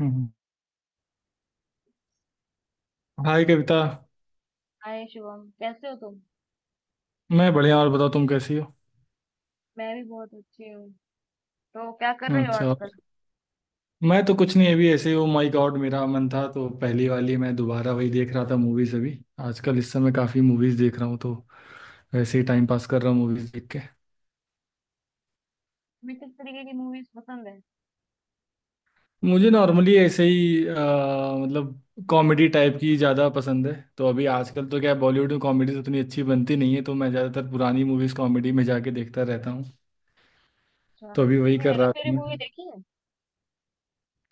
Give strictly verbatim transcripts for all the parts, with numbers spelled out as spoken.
हम्म। Hi Kavita. Hi Shubham, कैसे हो तुम? मैं बढ़िया, और बताओ तुम कैसी हो? मैं भी बहुत अच्छी हूँ। तो क्या कर रहे हो अच्छा। आजकल? मैं तो कुछ नहीं, अभी ऐसे ही वो, माय गॉड, मेरा मन था तो पहली वाली मैं दोबारा वही देख रहा था मूवीज अभी। आजकल इस समय काफी मूवीज देख रहा हूँ, तो वैसे ही टाइम पास कर रहा हूँ मूवीज देख के। तुम्हें किस तरीके की मूवीज पसंद है? मुझे नॉर्मली ऐसे ही अ, मतलब कॉमेडी टाइप की ज़्यादा पसंद है। तो अभी आजकल तो क्या है, बॉलीवुड में कॉमेडीज उतनी अच्छी बनती नहीं है, तो मैं ज़्यादातर पुरानी मूवीज कॉमेडी में जाके देखता रहता हूँ। अच्छा, तो अभी वही तुमने कर हेरा रहा था फेरी मैं। मूवी देखी है?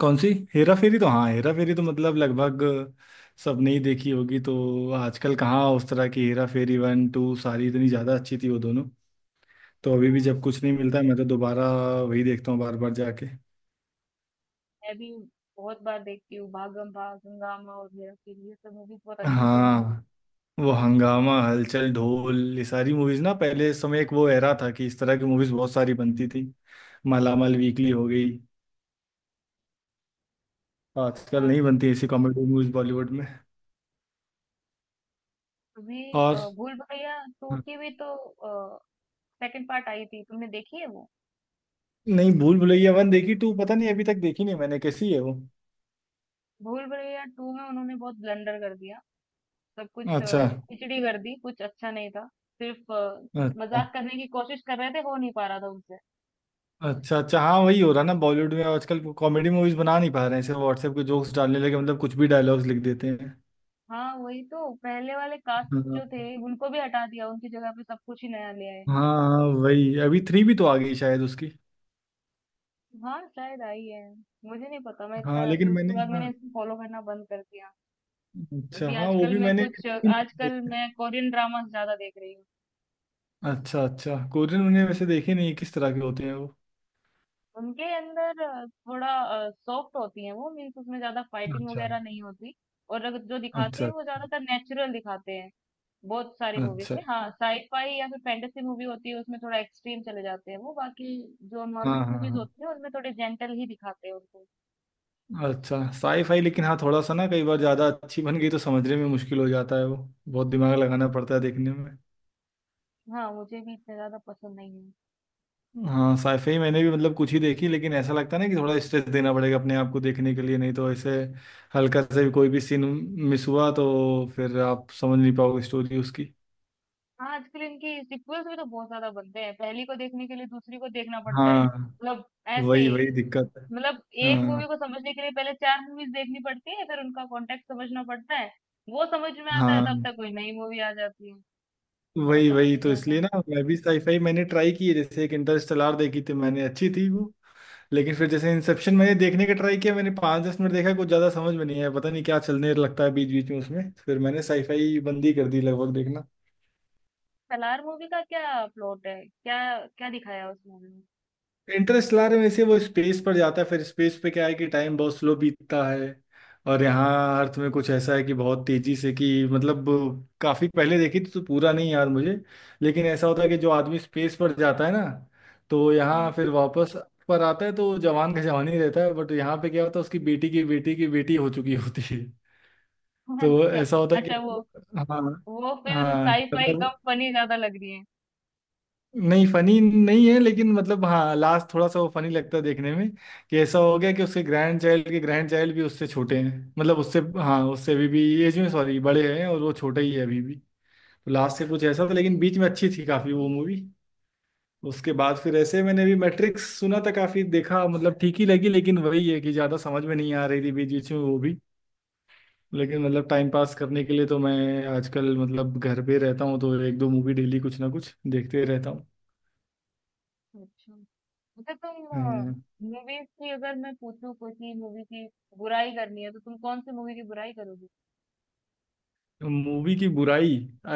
कौन सी? हेरा फेरी? तो हाँ, हेरा फेरी तो मतलब लगभग सबने ही देखी होगी। तो आजकल कहाँ उस तरह की, हेरा फेरी वन टू सारी इतनी ज़्यादा अच्छी थी वो दोनों। तो अभी भी जब कुछ नहीं मिलता है, मैं तो दोबारा वही देखता हूँ बार बार जाके। मैं भी बहुत बार देखती हूँ। भागम भाग, हंगामा और हेरा फेरी, ये सब मूवीज बहुत अच्छी लगती हाँ, वो हंगामा, हलचल, ढोल, ये सारी मूवीज ना, पहले इस समय एक वो एरा था कि इस तरह की मूवीज बहुत सारी बनती थी। मालामाल वीकली हो गई। है। आजकल हाँ, नहीं बनती ऐसी कॉमेडी मूवीज बॉलीवुड में। तुम्हें और अ, भूल भुलैया टू हाँ, की भी तो सेकंड पार्ट आई थी, तुमने देखी है वो? नहीं, भूल भुलैया वन देखी, टू पता नहीं, अभी तक देखी नहीं मैंने, कैसी है वो? भूल भुलैया टू में उन्होंने बहुत ब्लंडर कर दिया। सब कुछ अ, अच्छा। खिचड़ी कर दी, कुछ अच्छा नहीं था। सिर्फ अ, अच्छा। मजाक करने की कोशिश कर रहे थे, हो नहीं पा रहा था उनसे। अच्छा अच्छा, हाँ वही हो रहा ना बॉलीवुड में, आजकल कॉमेडी मूवीज बना नहीं पा रहे हैं, सिर्फ व्हाट्सएप के जोक्स डालने लगे, मतलब कुछ भी डायलॉग्स लिख देते हैं। हाँ, वही तो पहले वाले कास्ट हाँ। जो थे उनको भी हटा दिया, उनकी जगह पे सब कुछ ही नया ले आए। हाँ वही, अभी थ्री भी तो आ गई शायद उसकी। हाँ, शायद आई है। मुझे नहीं पता, मैं इतना हाँ अभी लेकिन उसके मैंने, बाद मैंने हाँ, इसको फॉलो करना बंद कर दिया। अच्छा अभी हाँ वो आजकल भी मैं मैंने कुछ देखी नहीं। आजकल वैसे। मैं कोरियन ड्रामास ज्यादा देख रही हूँ। अच्छा अच्छा, कोरियन मैंने वैसे देखे नहीं, किस तरह के होते हैं वो? उनके अंदर अ, थोड़ा सॉफ्ट होती है वो। मीन्स उसमें ज्यादा फाइटिंग अच्छा वगैरह नहीं होती। और अगर जो दिखाते अच्छा। हैं अच्छा वो ज्यादातर नेचुरल दिखाते हैं। बहुत सारी मूवीज अच्छा। में, हाँ, साईफाई या फिर फैंटेसी मूवी होती है उसमें थोड़ा एक्सट्रीम चले जाते हैं वो। बाकी जो हाँ नॉर्मल मूवीज हाँ। होती है उनमें थोड़े जेंटल ही दिखाते हैं उनको। हाँ अच्छा, साई फाई, लेकिन हाँ थोड़ा सा ना, कई बार ज़्यादा अच्छी बन गई तो समझने में मुश्किल हो जाता है वो, बहुत दिमाग लगाना पड़ता है देखने में। हाँ, मुझे भी इतने ज्यादा पसंद नहीं है। हाँ साइफाई मैंने भी मतलब कुछ ही देखी, लेकिन ऐसा लगता है ना कि थोड़ा स्ट्रेस देना पड़ेगा अपने आप को देखने के लिए, नहीं तो ऐसे हल्का से भी कोई भी सीन मिस हुआ तो फिर आप समझ नहीं पाओगे स्टोरी उसकी। हाँ, आजकल इनकी सीक्वल्स भी तो बहुत ज्यादा बनते हैं, पहली को देखने के लिए दूसरी को देखना पड़ता है। हाँ मतलब ऐसे वही वही ही। दिक्कत है। मतलब एक मूवी हाँ। को समझने के लिए पहले चार मूवीज देखनी पड़ती है, फिर उनका कॉन्टेक्स्ट समझना पड़ता है। वो समझ में आता है तब हाँ तक कोई नई मूवी आ जाती है। कुछ वही समझ वही, ही नहीं तो आता। इसलिए ना मैं भी साईफाई मैंने ट्राई की है, जैसे एक इंटरस्टेलर देखी थी मैंने, अच्छी थी वो। लेकिन फिर जैसे इंसेप्शन मैंने देखने का ट्राई किया, मैंने पाँच दस मिनट देखा कुछ ज़्यादा समझ में नहीं आया, पता नहीं क्या चलने लगता है बीच बीच में उसमें, फिर मैंने साईफाई बंद ही कर दी लगभग देखना। सलार मूवी का क्या प्लॉट है? क्या क्या दिखाया है उस मूवी में? इंटरस्टेलर में से वो स्पेस पर जाता है, फिर स्पेस पे क्या है कि टाइम बहुत स्लो बीतता है, और यहाँ अर्थ में कुछ ऐसा है कि बहुत तेजी से, कि मतलब काफी पहले देखी थी तो पूरा नहीं याद मुझे, लेकिन ऐसा होता है कि जो आदमी स्पेस पर जाता है ना, तो यहाँ हुँ। फिर वापस पर आता है तो जवान का जवान ही रहता है, बट यहाँ पे क्या होता है उसकी बेटी की बेटी की बेटी हो चुकी होती है। तो अच्छा, ऐसा होता है अच्छा, वो कि हाँ। वो फ़िल्म हाँ कि साइ-फाई कम मतलब, फ़नी ज़्यादा लग रही है। नहीं फनी नहीं है, लेकिन मतलब हाँ लास्ट थोड़ा सा वो फनी लगता है देखने में, कि ऐसा हो गया कि उसके ग्रैंड चाइल्ड के ग्रैंड चाइल्ड भी उससे छोटे हैं, मतलब उससे हाँ उससे अभी भी एज में, सॉरी, बड़े हैं और वो छोटे ही है अभी भी। तो लास्ट से कुछ ऐसा था लेकिन बीच में अच्छी थी काफी वो मूवी। उसके बाद फिर ऐसे मैंने भी मैट्रिक्स सुना था काफी, देखा, मतलब ठीक ही लगी, लेकिन वही है कि ज्यादा समझ में नहीं आ रही थी बीच बीच में वो भी। लेकिन मतलब टाइम पास करने के लिए तो मैं आजकल मतलब घर पे रहता हूँ, तो एक दो मूवी डेली कुछ ना कुछ देखते रहता हूँ। अच्छा, अच्छा, तुम हाँ। मूवीज़ की अगर मैं पूछूँ, कोई सी मूवी की बुराई करनी है, तो तुम कौन-सी मूवी की बुराई करोगी? मूवी की बुराई? अ,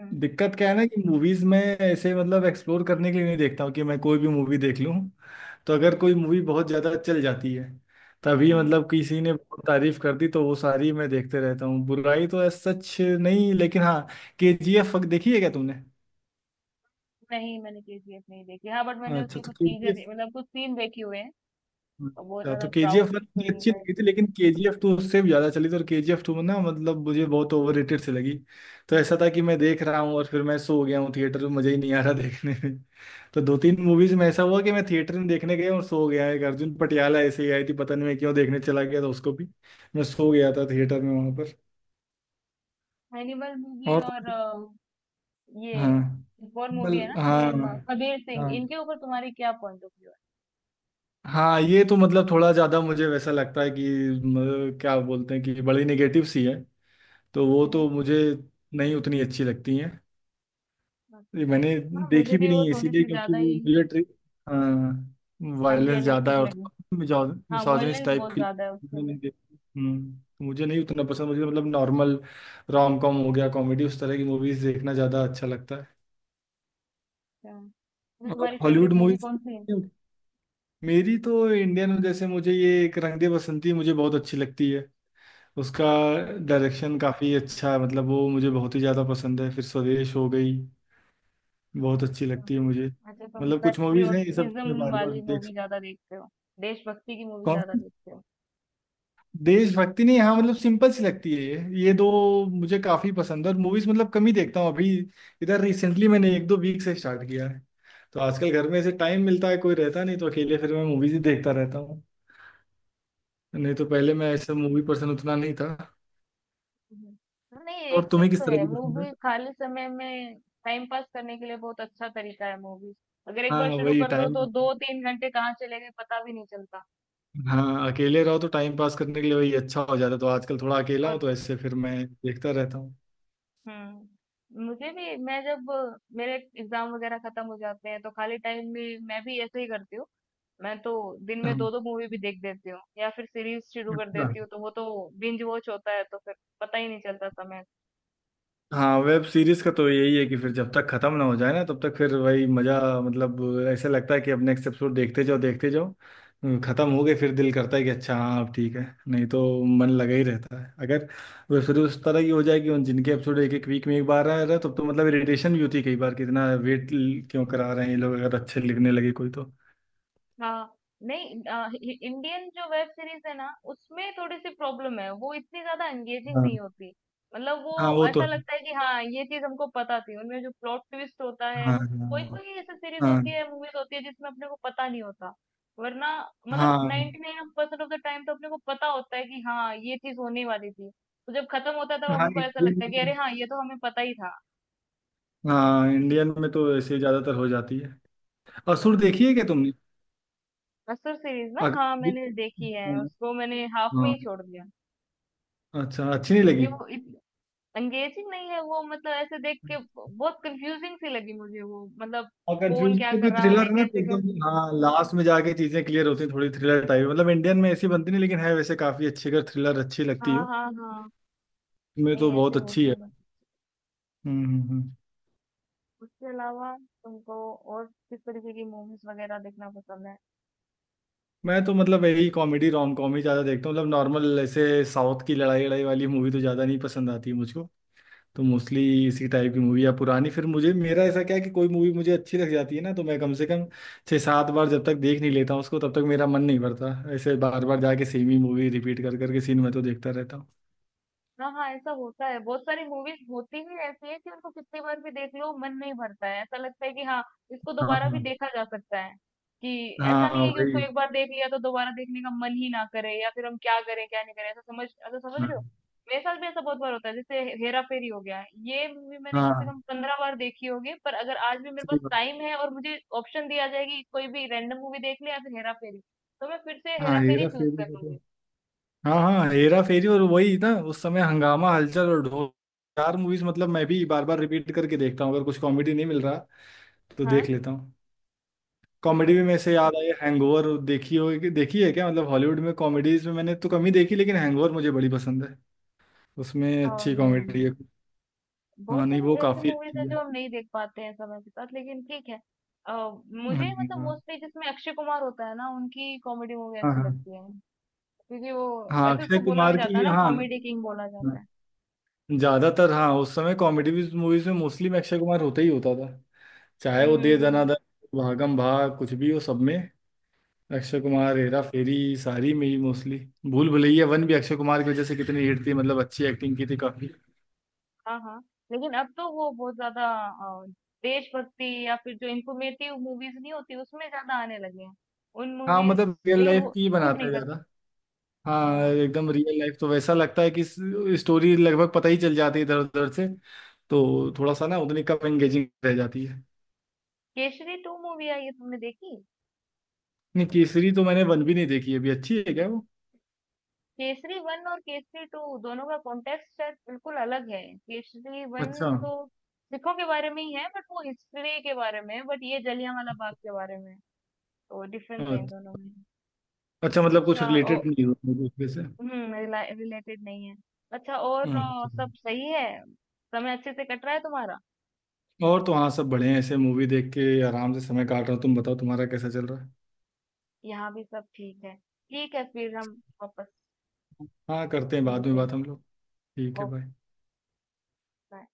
हुँ, दिक्कत क्या है ना कि मूवीज में ऐसे मतलब एक्सप्लोर करने के लिए नहीं देखता हूँ कि मैं कोई भी मूवी देख लूँ, तो अगर कोई मूवी बहुत ज्यादा चल जाती है, तभी मतलब हुँ। किसी ने बहुत तारीफ कर दी तो वो सारी मैं देखते रहता हूँ, बुराई तो ऐसा सच नहीं, लेकिन हाँ, के जी एफ देखी है क्या तुमने? नहीं, मैंने केजीएफ नहीं देखी। हाँ, बट मैंने अच्छा उसकी तो, कुछ चीज़ें दे मतलब कुछ सीन देखे हुए हैं। और बहुत अच्छा ज़्यादा तो के जी एफ प्राउड वन मुझे फ़िल्म अच्छी है। लगी थी, लेकिन के जी एफ टू उससे भी ज्यादा चली थी, और के जी एफ टू में ना मतलब मुझे बहुत ओवर रेटेड सी लगी। तो ऐसा था कि मैं देख रहा हूँ और फिर मैं सो गया हूँ थिएटर में, मजा ही नहीं आ रहा देखने में। तो दो तीन मूवीज में ऐसा हुआ कि मैं थिएटर में देखने गया और सो गया। एक अर्जुन पटियाला ऐसे ही आई थी, पता नहीं मैं क्यों देखने चला गया था उसको भी, मैं सो गया था थिएटर में वहां पर। एनिमल मूवी और और तो- अ, ये हाँ, एक और मूवी बल है ना, हाँ। सेम कबीर सिंह, हाँ। इनके ऊपर तुम्हारी क्या पॉइंट ऑफ व्यू हाँ ये तो मतलब थोड़ा ज्यादा मुझे वैसा लगता है कि म, क्या बोलते हैं कि बड़ी नेगेटिव सी है, तो वो है? तो मुझे नहीं उतनी अच्छी लगती हैं। ये अच्छा, मैंने हाँ, मुझे देखी भी भी वो नहीं है थोड़ी इसीलिए, सी क्योंकि ज्यादा वो ही मुझे ट्रि, हाँ वायलेंस ज़्यादा अनरियलिस्टिक है और लगी। थोड़ा हाँ, मिसोजिनिस्ट वॉयलेंस टाइप बहुत की, ज्यादा है उसके मैंने अंदर। नहीं देखी। हम्म, तो मुझे नहीं उतना पसंद, मुझे मतलब नॉर्मल रोम कॉम हो गया, कॉमेडी, उस तरह की मूवीज़ देखना ज़्यादा अच्छा लगता है। अच्छा, तो और तुम्हारी हॉलीवुड फेवरेट मूवी मूवीज़, कौन सी है? मेरी तो इंडियन जैसे मुझे ये एक रंग दे बसंती मुझे बहुत अच्छी लगती है, उसका डायरेक्शन काफ़ी अच्छा है, मतलब वो मुझे बहुत ही ज़्यादा पसंद है। फिर स्वदेश हो गई, बहुत अच्छी अच्छा, लगती है मुझे। अच्छा, तुम मतलब कुछ मूवीज हैं ये सब मैं पेट्रियोटिज्म बार बार वाली देख मूवी सकता। ज्यादा देखते हो? देशभक्ति की मूवी कौन ज्यादा सी? देखते हो? देशभक्ति नहीं, हाँ मतलब सिंपल सी लगती है ये ये दो मुझे काफी पसंद है, और मूवीज मतलब कम ही देखता हूँ अभी। इधर रिसेंटली मैंने एक दो वीक से स्टार्ट किया है, तो आजकल घर में ऐसे टाइम मिलता है कोई रहता नहीं, तो अकेले फिर मैं मूवीज ही देखता रहता हूँ। नहीं तो अच्छा। पहले मैं ऐसा मूवी पर्सन उतना नहीं था। हम्म। हाँ, नहीं, और एक चीज तुम्हें तो किस तरह है, की पसंद है? मूवी खाली समय में टाइम पास करने के लिए बहुत अच्छा तरीका है मूवी। अगर एक हाँ बार शुरू वही कर दो टाइम, तो दो तीन घंटे कहाँ चले गए पता भी नहीं चलता। हाँ अकेले रहो तो टाइम पास करने के लिए वही अच्छा हो जाता है, तो आजकल थोड़ा अकेला हूँ और तो ऐसे फिर मैं देखता रहता हूँ। हम्म, मुझे भी, मैं जब अ, मेरे एग्जाम वगैरह खत्म हो जाते हैं तो खाली टाइम में मैं भी ऐसे ही करती हूँ। मैं तो दिन में हाँ, दो दो मूवी भी देख देती हूँ या फिर सीरीज शुरू कर अच्छा। देती हूँ, तो वो तो बिंज वॉच होता है, तो फिर पता ही नहीं चलता समय। हाँ वेब सीरीज का तो यही है कि फिर जब तक खत्म ना हो जाए ना तब तक फिर वही मजा, मतलब ऐसे लगता है कि अब नेक्स्ट एपिसोड देखते जाओ देखते जाओ। हम्म, खत्म हो गए फिर दिल करता है कि अच्छा हाँ अब ठीक है, नहीं तो मन लगा ही रहता है। अगर वेब सीरीज उस तरह की हो जाए कि उन जिनके एपिसोड एक एक वीक में एक बार आ रहा है, तब तो मतलब इरिटेशन भी होती है कई बार कि इतना वेट क्यों करा रहे हैं ये लोग, अगर अच्छे लिखने लगे कोई तो। हाँ, नहीं, अ, हि- हि- इंडियन जो वेब सीरीज है ना उसमें थोड़ी सी प्रॉब्लम है, वो इतनी ज्यादा एंगेजिंग नहीं हाँ। होती। मतलब वो हाँ वो तो ऐसा है। लगता है कि हाँ ये चीज हमको पता थी। उनमें जो प्लॉट ट्विस्ट होता है वो, कोई हाँ। कोई ऐसी सीरीज हाँ। होती है, मूवीज होती है जिसमें अपने को पता नहीं होता। वरना, हाँ मतलब हाँ ninety nine percent nine percent of the time तो अपने को पता होता है कि हाँ ये चीज होने वाली थी, तो जब खत्म होता है तब हाँ हमको ऐसा लगता है कि अरे इंडियन, हाँ, ये तो हमें पता ही था। हाँ इंडियन में तो ऐसे ज्यादातर हो जाती है। असुर हम्म। देखी है क्या तुमने? असुर सीरीज ना, अग-, हाँ, मैंने देखी है हाँ। उसको, मैंने हाफ में हाँ, ही छोड़ दिया अच्छा, अच्छी नहीं क्योंकि लगी। वो इत, एंगेजिंग नहीं है वो। मतलब ऐसे देख के ब- बहुत कंफ्यूजिंग सी लगी मुझे वो। मतलब और कौन कंफ्यूजन क्या से कोई कर रहा थ्रिलर है, है ना तो कैसे कर, एकदम, हाँ लास्ट में जाके चीजें क्लियर होती हैं, थोड़ी थ्रिलर टाइप, मतलब इंडियन में ऐसी बनती नहीं, लेकिन है वैसे काफी अच्छी, अगर थ्रिलर अच्छी लगती हाँ, हो। हाँ, हाँ, मैं तो नहीं ऐसे बहुत अच्छी होते है। हैं बस। हम्म हम्म, हम्म। उसके अलावा तुमको और किस तरीके की मूवीज वगैरह देखना पसंद है? मैं तो मतलब यही कॉमेडी रोम कॉम ही ज्यादा देखता हूँ, मतलब नॉर्मल, ऐसे साउथ की लड़ाई लड़ाई वाली मूवी तो ज्यादा नहीं पसंद आती मुझको। तो मोस्टली इसी टाइप की मूवी या पुरानी, फिर मुझे, मेरा ऐसा क्या है कि कोई मूवी मुझे अच्छी लग जाती है ना तो मैं कम से कम छः सात बार जब तक देख नहीं लेता हूँ उसको तब तक मेरा मन नहीं भरता, ऐसे बार बार जाके सेम ही मूवी रिपीट कर करके सीन में तो देखता रहता हूँ। हाँ, हाँ, ऐसा होता है, बहुत सारी मूवीज होती ही ऐसी है कि उनको कितनी बार भी देख लो मन नहीं भरता है, ऐसा लगता है कि हाँ, इसको हाँ दोबारा भी हाँ। देखा जा सकता है, कि ऐसा नहीं हाँ है कि वही। उसको एक बार देख लिया तो दोबारा देखने का मन ही ना करे, या फिर हम क्या करें क्या नहीं करें, ऐसा समझ ऐसा समझ रहे हाँ हो? मेरे साथ भी ऐसा बहुत बार होता है, जैसे हेरा फेरी हो गया, ये मूवी मैंने कम से हाँ, कम पंद्रह बार देखी होगी, पर अगर आज भी मेरे पास सही बात। टाइम है और मुझे ऑप्शन दिया जाए कि कोई भी रैंडम मूवी देख ले या फिर हेरा फेरी, तो मैं फिर से हाँ हेरा फेरी हेरा चूज फेरी कर को तो, लूंगी। हाँ हाँ, हेरा फेरी और वही ना उस समय हंगामा, हलचल और ढोल, चार मूवीज, मतलब मैं भी बार बार रिपीट करके देखता हूँ अगर कुछ कॉमेडी नहीं मिल रहा तो हाँ, देख लेता हूँ। कॉमेडी भी हाँ। मेरे से याद आई, हैंगओवर देखी हो, देखी है क्या? मतलब हॉलीवुड में कॉमेडीज में मैंने तो कम ही देखी, लेकिन हैंगओवर मुझे बड़ी पसंद है, उसमें और अच्छी नहीं, कॉमेडी है। बहुत हाँ, नहीं सारी वो ऐसी काफी मूवीज़ हैं अच्छी है। जो हम नहीं देख पाते हैं समय के साथ, लेकिन ठीक है। अ, हाँ मुझे मतलब मोस्टली जिसमें अक्षय कुमार होता है ना, उनकी कॉमेडी मूवी हाँ। अच्छी हाँ, लगती है। क्योंकि वो, हाँ, वैसे अक्षय उसको बोला भी कुमार जाता है की ना, हाँ। कॉमेडी किंग बोला जाता हाँ, है। ज्यादातर हाँ उस समय कॉमेडी मूवीज में मोस्टली में अक्षय कुमार होता ही होता था, चाहे हुँ, वो हुँ, दे हुँ। दनादन, भागम भाग, कुछ भी हो सब में अक्षय हुँ, कुमार, हेरा फेरी सारी में ही मोस्टली। भूल भुलैया वन भी अक्षय कुमार की वजह से कितनी हिट थी, मतलब अच्छी एक्टिंग की थी काफी। हाँ, हाँ। लेकिन अब तो वो बहुत ज़्यादा अ, देशभक्ति या फिर जो इन्फॉर्मेटिव मूवीज़ नहीं होती उसमें ज़्यादा आने लगे हैं। उन हाँ मूवीज़ मतलब रियल लेकिन लाइफ वो की ही सूट बनाते नहीं हैं करता। ज्यादा। हाँ हाँ। एकदम रियल लाइफ तो वैसा लगता है कि स्टोरी लगभग पता ही चल जाती है इधर उधर से, तो थोड़ा सा ना उतनी कम एंगेजिंग रह जाती है। केसरी टू मूवी आई है, तुमने देखी? नहीं केसरी तो मैंने वन भी नहीं देखी है अभी, अच्छी है क्या वो? केसरी वन और केसरी टू दोनों का कॉन्टेक्स्ट शायद बिल्कुल अलग है। केसरी वन अच्छा। तो सिखों के बारे में ही है, बट वो हिस्ट्री के बारे में है, बट ये जलियांवाला बाग के बारे में है। तो डिफरेंस है इन दोनों अच्छा में। अच्छा, मतलब कुछ अच्छा। ओ, रिलेटेड नहीं हुआ मुझे उसमें से। हम्म, रिलेटेड नहीं है। अच्छा, और अ, अच्छा। सब सही है? समय अच्छे से कट रहा है तुम्हारा? और तो हाँ सब बड़े हैं, ऐसे मूवी देख के आराम से समय काट रहा हूँ। तुम बताओ तुम्हारा कैसा चल रहा है? यहाँ भी सब ठीक है। ठीक है, फिर हम वापस हाँ करते हैं बाद में मिलते हैं। बात हम लोग। ठीक है, ओके, बाय। बाय।